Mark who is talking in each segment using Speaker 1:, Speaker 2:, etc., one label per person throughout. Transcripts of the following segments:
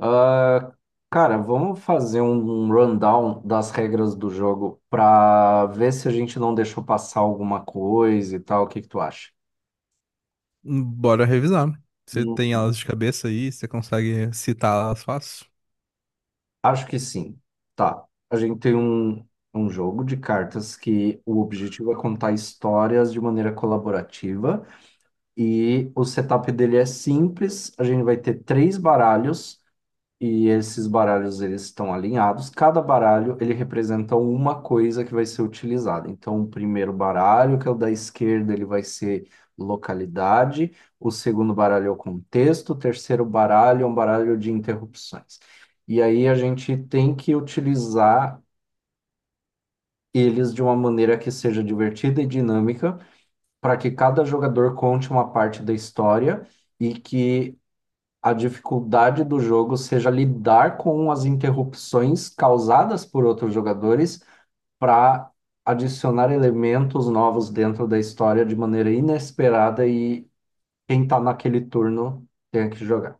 Speaker 1: Ah, cara, vamos fazer um rundown das regras do jogo para ver se a gente não deixou passar alguma coisa e tal. O que que tu acha?
Speaker 2: Bora revisar. Você tem
Speaker 1: Hum.
Speaker 2: elas de cabeça aí, você consegue citar elas fácil?
Speaker 1: Acho que sim. Tá. A gente tem um jogo de cartas que o objetivo é contar histórias de maneira colaborativa, e o setup dele é simples. A gente vai ter 3 baralhos. E esses baralhos eles estão alinhados. Cada baralho ele representa uma coisa que vai ser utilizada. Então, o primeiro baralho, que é o da esquerda, ele vai ser localidade. O segundo baralho é o contexto. O terceiro baralho é um baralho de interrupções. E aí a gente tem que utilizar eles de uma maneira que seja divertida e dinâmica, para que cada jogador conte uma parte da história e que a dificuldade do jogo seja lidar com as interrupções causadas por outros jogadores para adicionar elementos novos dentro da história de maneira inesperada, e quem está naquele turno tem que jogar.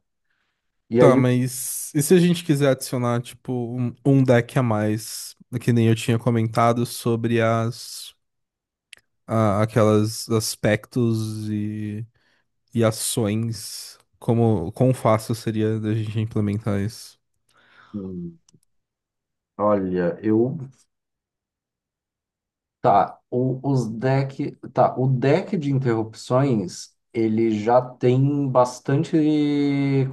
Speaker 1: E
Speaker 2: Tá,
Speaker 1: aí,
Speaker 2: mas e se a gente quiser adicionar, tipo, um deck a mais, que nem eu tinha comentado, sobre aquelas aspectos e ações, como, quão fácil seria da gente implementar isso?
Speaker 1: hum, olha, eu tá, o deck de interrupções, ele já tem bastante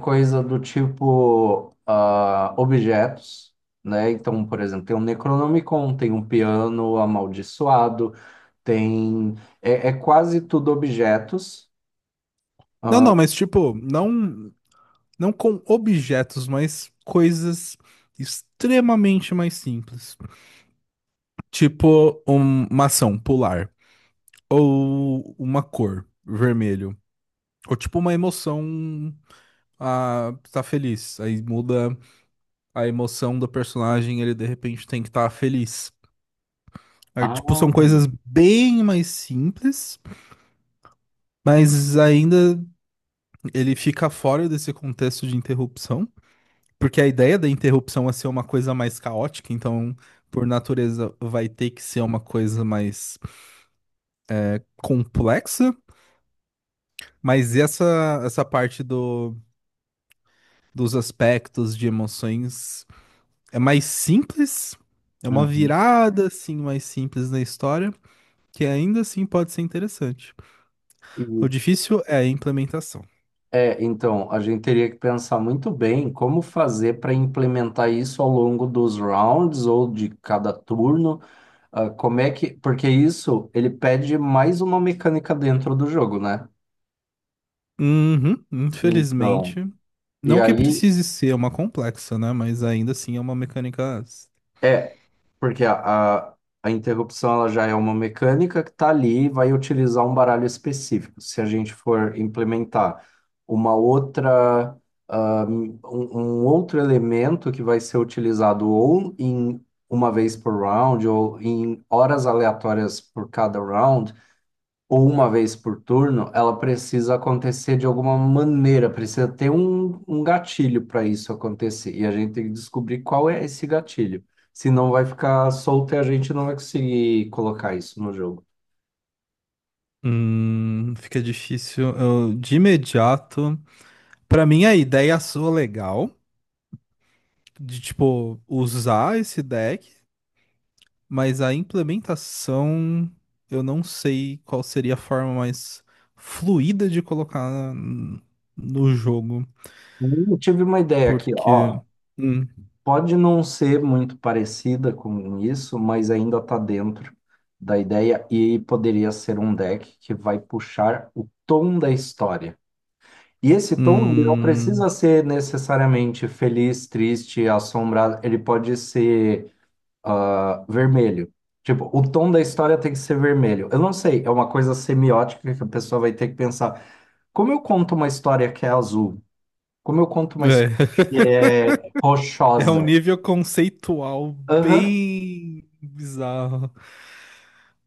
Speaker 1: coisa do tipo objetos, né? Então, por exemplo, tem um Necronomicon, tem um piano amaldiçoado, tem... é quase tudo objetos.
Speaker 2: Não, não, mas tipo, não, não com objetos, mas coisas extremamente mais simples. Tipo, uma ação, pular. Ou uma cor, vermelho. Ou tipo uma emoção, ah, tá feliz. Aí muda a emoção do personagem, ele de repente tem que estar feliz. Aí,
Speaker 1: Ah,
Speaker 2: tipo, são coisas bem mais simples, mas ainda ele fica fora desse contexto de interrupção, porque a ideia da interrupção é ser uma coisa mais caótica, então, por natureza, vai ter que ser uma coisa mais complexa, mas essa parte do dos aspectos de emoções é mais simples, é uma
Speaker 1: uhum.
Speaker 2: virada assim mais simples na história, que ainda assim pode ser interessante.
Speaker 1: E,
Speaker 2: O difícil é a implementação.
Speaker 1: então, a gente teria que pensar muito bem como fazer para implementar isso ao longo dos rounds ou de cada turno. Ah, como é que. Porque isso, ele pede mais uma mecânica dentro do jogo, né?
Speaker 2: Uhum,
Speaker 1: Então.
Speaker 2: infelizmente,
Speaker 1: E
Speaker 2: não que
Speaker 1: aí,
Speaker 2: precise ser uma complexa, né? Mas ainda assim é uma mecânica.
Speaker 1: é. Porque a interrupção ela já é uma mecânica que tá ali e vai utilizar um baralho específico. Se a gente for implementar uma outra, um outro elemento que vai ser utilizado ou em uma vez por round, ou em horas aleatórias por cada round, ou uma vez por turno, ela precisa acontecer de alguma maneira, precisa ter um gatilho para isso acontecer. E a gente tem que descobrir qual é esse gatilho. Senão vai ficar solto e a gente não vai conseguir colocar isso no jogo.
Speaker 2: Fica difícil. Eu, de imediato, pra mim a ideia soa legal de tipo usar esse deck. Mas a implementação, eu não sei qual seria a forma mais fluida de colocar no jogo,
Speaker 1: Eu tive uma ideia aqui,
Speaker 2: porque
Speaker 1: ó.
Speaker 2: hum,
Speaker 1: Pode não ser muito parecida com isso, mas ainda está dentro da ideia, e poderia ser um deck que vai puxar o tom da história. E esse tom, ele não
Speaker 2: é,
Speaker 1: precisa ser necessariamente feliz, triste, assombrado, ele pode ser vermelho. Tipo, o tom da história tem que ser vermelho. Eu não sei, é uma coisa semiótica que a pessoa vai ter que pensar. Como eu conto uma história que é azul? Como eu conto uma história que é
Speaker 2: é um
Speaker 1: rochosa?
Speaker 2: nível conceitual
Speaker 1: Aham,
Speaker 2: bem bizarro.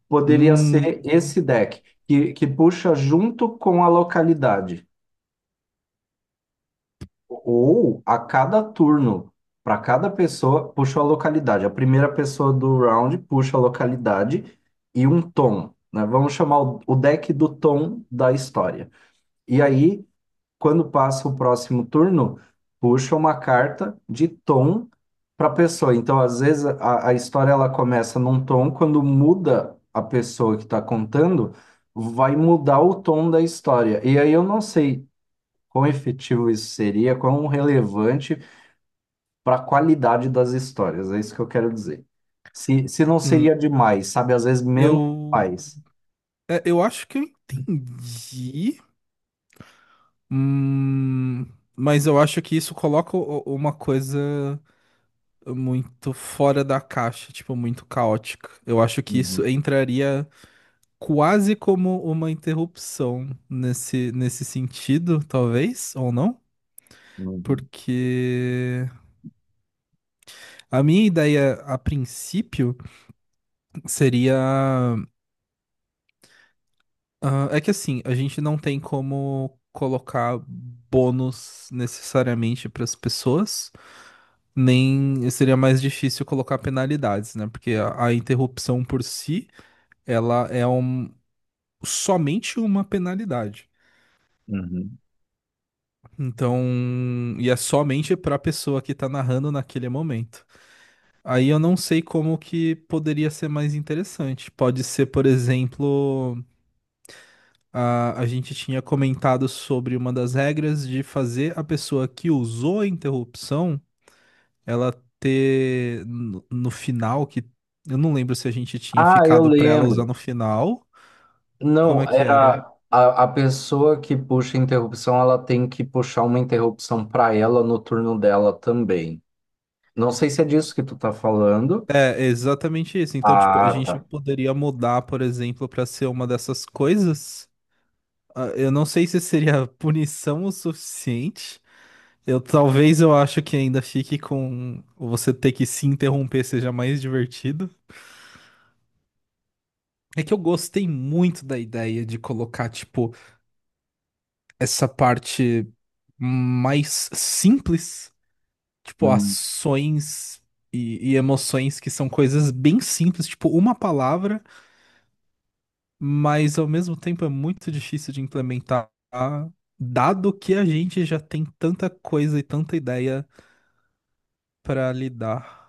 Speaker 1: poderia
Speaker 2: Hum,
Speaker 1: ser esse deck, que puxa junto com a localidade. Ou a cada turno, para cada pessoa, puxa a localidade. A primeira pessoa do round puxa a localidade e um tom, né? Vamos chamar o deck do tom da história. E aí, quando passa o próximo turno, puxa uma carta de tom para a pessoa. Então, às vezes, a história ela começa num tom, quando muda a pessoa que está contando, vai mudar o tom da história. E aí eu não sei quão efetivo isso seria, quão relevante para a qualidade das histórias, é isso que eu quero dizer. Se não
Speaker 2: hum,
Speaker 1: seria demais, sabe? Às vezes menos
Speaker 2: eu,
Speaker 1: mais.
Speaker 2: é, eu acho que eu entendi, hum, mas eu acho que isso coloca uma coisa muito fora da caixa, tipo, muito caótica. Eu acho que isso
Speaker 1: Uhum,
Speaker 2: entraria quase como uma interrupção nesse sentido, talvez, ou não?
Speaker 1: uhum,
Speaker 2: Porque a minha ideia a princípio seria. Ah, é que assim, a gente não tem como colocar bônus necessariamente para as pessoas, nem seria mais difícil colocar penalidades, né? Porque a interrupção por si ela é somente uma penalidade.
Speaker 1: uhum.
Speaker 2: Então, e é somente para a pessoa que tá narrando naquele momento. Aí eu não sei como que poderia ser mais interessante. Pode ser, por exemplo, a gente tinha comentado sobre uma das regras de fazer a pessoa que usou a interrupção, ela ter no final, que eu não lembro se a gente tinha
Speaker 1: Ah, eu
Speaker 2: ficado para ela usar
Speaker 1: lembro.
Speaker 2: no final. Como
Speaker 1: Não,
Speaker 2: é que era?
Speaker 1: era a pessoa que puxa a interrupção, ela tem que puxar uma interrupção para ela no turno dela também. Não sei se é disso que tu tá falando.
Speaker 2: É, exatamente isso. Então, tipo, a
Speaker 1: Ah,
Speaker 2: gente
Speaker 1: tá.
Speaker 2: poderia mudar, por exemplo, para ser uma dessas coisas. Ah, eu não sei se seria punição o suficiente. Eu, talvez eu acho que ainda fique com você ter que se interromper seja mais divertido. É que eu gostei muito da ideia de colocar, tipo, essa parte mais simples, tipo,
Speaker 1: Hum,
Speaker 2: ações e emoções que são coisas bem simples, tipo, uma palavra. Mas ao mesmo tempo é muito difícil de implementar, dado que a gente já tem tanta coisa e tanta ideia pra lidar.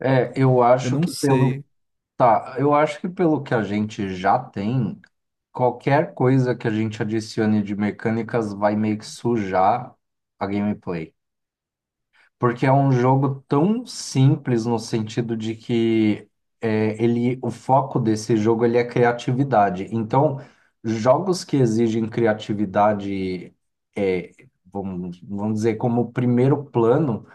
Speaker 1: É, eu
Speaker 2: Eu
Speaker 1: acho
Speaker 2: não
Speaker 1: que pelo
Speaker 2: sei.
Speaker 1: Tá, eu acho que pelo que a gente já tem, qualquer coisa que a gente adicione de mecânicas vai meio que sujar a gameplay. Porque é um jogo tão simples no sentido de que o foco desse jogo ele é criatividade. Então, jogos que exigem criatividade, é, vamos dizer, como primeiro plano.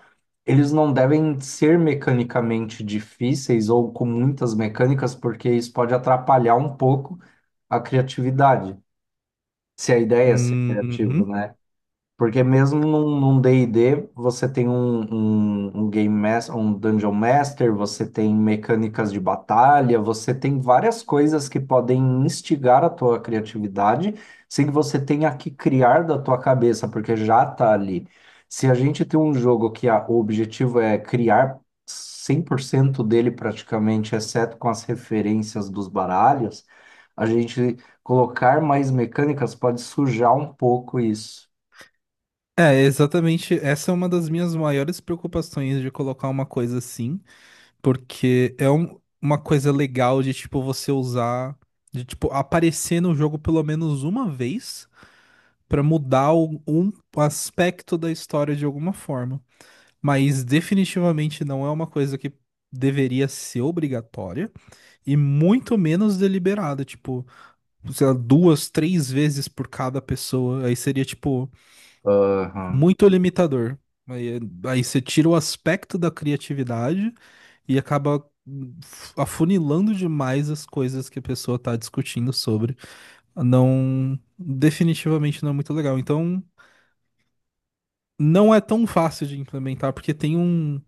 Speaker 1: Eles não devem ser mecanicamente difíceis ou com muitas mecânicas, porque isso pode atrapalhar um pouco a criatividade. Se a ideia é ser criativo,
Speaker 2: Uhum.
Speaker 1: né? Porque mesmo num D&D, você tem um Game Master, um Dungeon Master, você tem mecânicas de batalha, você tem várias coisas que podem instigar a tua criatividade, sem que você tenha que criar da tua cabeça, porque já tá ali. Se a gente tem um jogo que o objetivo é criar 100% dele praticamente, exceto com as referências dos baralhos, a gente colocar mais mecânicas pode sujar um pouco isso.
Speaker 2: É, exatamente. Essa é uma das minhas maiores preocupações de colocar uma coisa assim, porque é uma coisa legal de tipo você usar, de tipo aparecer no jogo pelo menos uma vez pra mudar um aspecto da história de alguma forma. Mas definitivamente não é uma coisa que deveria ser obrigatória e muito menos deliberada, tipo, sei lá, duas, três vezes por cada pessoa, aí seria, tipo,
Speaker 1: Aham.
Speaker 2: muito limitador. Aí, aí você tira o aspecto da criatividade e acaba hum, afunilando demais as coisas que a pessoa tá discutindo sobre. Não, definitivamente não é muito legal. Então, não é tão fácil de implementar, porque tem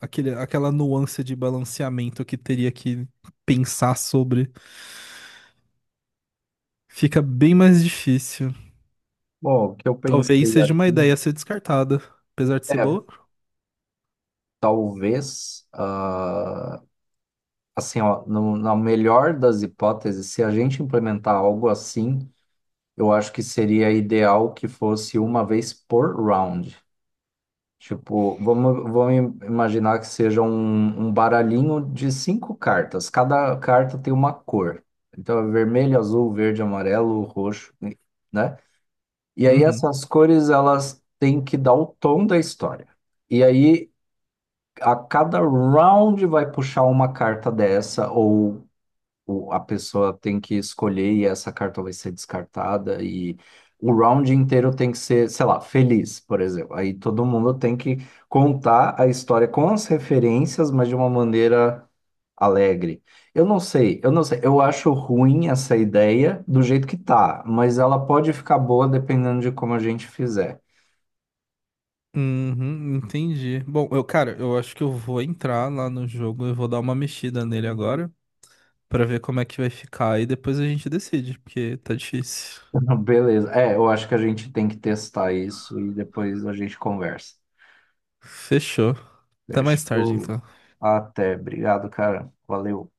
Speaker 2: aquele, aquela nuance de balanceamento que teria que pensar sobre. Fica bem mais difícil.
Speaker 1: Bom, o que eu
Speaker 2: Talvez
Speaker 1: pensei
Speaker 2: seja uma
Speaker 1: aqui
Speaker 2: ideia a ser descartada, apesar de ser
Speaker 1: é,
Speaker 2: boa.
Speaker 1: talvez, assim, ó, na melhor das hipóteses, se a gente implementar algo assim, eu acho que seria ideal que fosse uma vez por round. Tipo, vamos imaginar que seja um baralhinho de 5 cartas. Cada carta tem uma cor. Então, é vermelho, azul, verde, amarelo, roxo, né? E aí
Speaker 2: Uhum.
Speaker 1: essas cores elas têm que dar o tom da história. E aí a cada round vai puxar uma carta dessa, ou a pessoa tem que escolher e essa carta vai ser descartada, e o round inteiro tem que ser, sei lá, feliz, por exemplo. Aí todo mundo tem que contar a história com as referências, mas de uma maneira alegre. Eu não sei, eu não sei. Eu acho ruim essa ideia do jeito que tá, mas ela pode ficar boa dependendo de como a gente fizer.
Speaker 2: Uhum, entendi. Bom, eu, cara, eu acho que eu vou entrar lá no jogo, eu vou dar uma mexida nele agora pra ver como é que vai ficar e depois a gente decide, porque tá difícil.
Speaker 1: Não, beleza. É, eu acho que a gente tem que testar isso e depois a gente conversa.
Speaker 2: Fechou. Até mais tarde,
Speaker 1: Fechou.
Speaker 2: então.
Speaker 1: Até. Obrigado, cara. Valeu.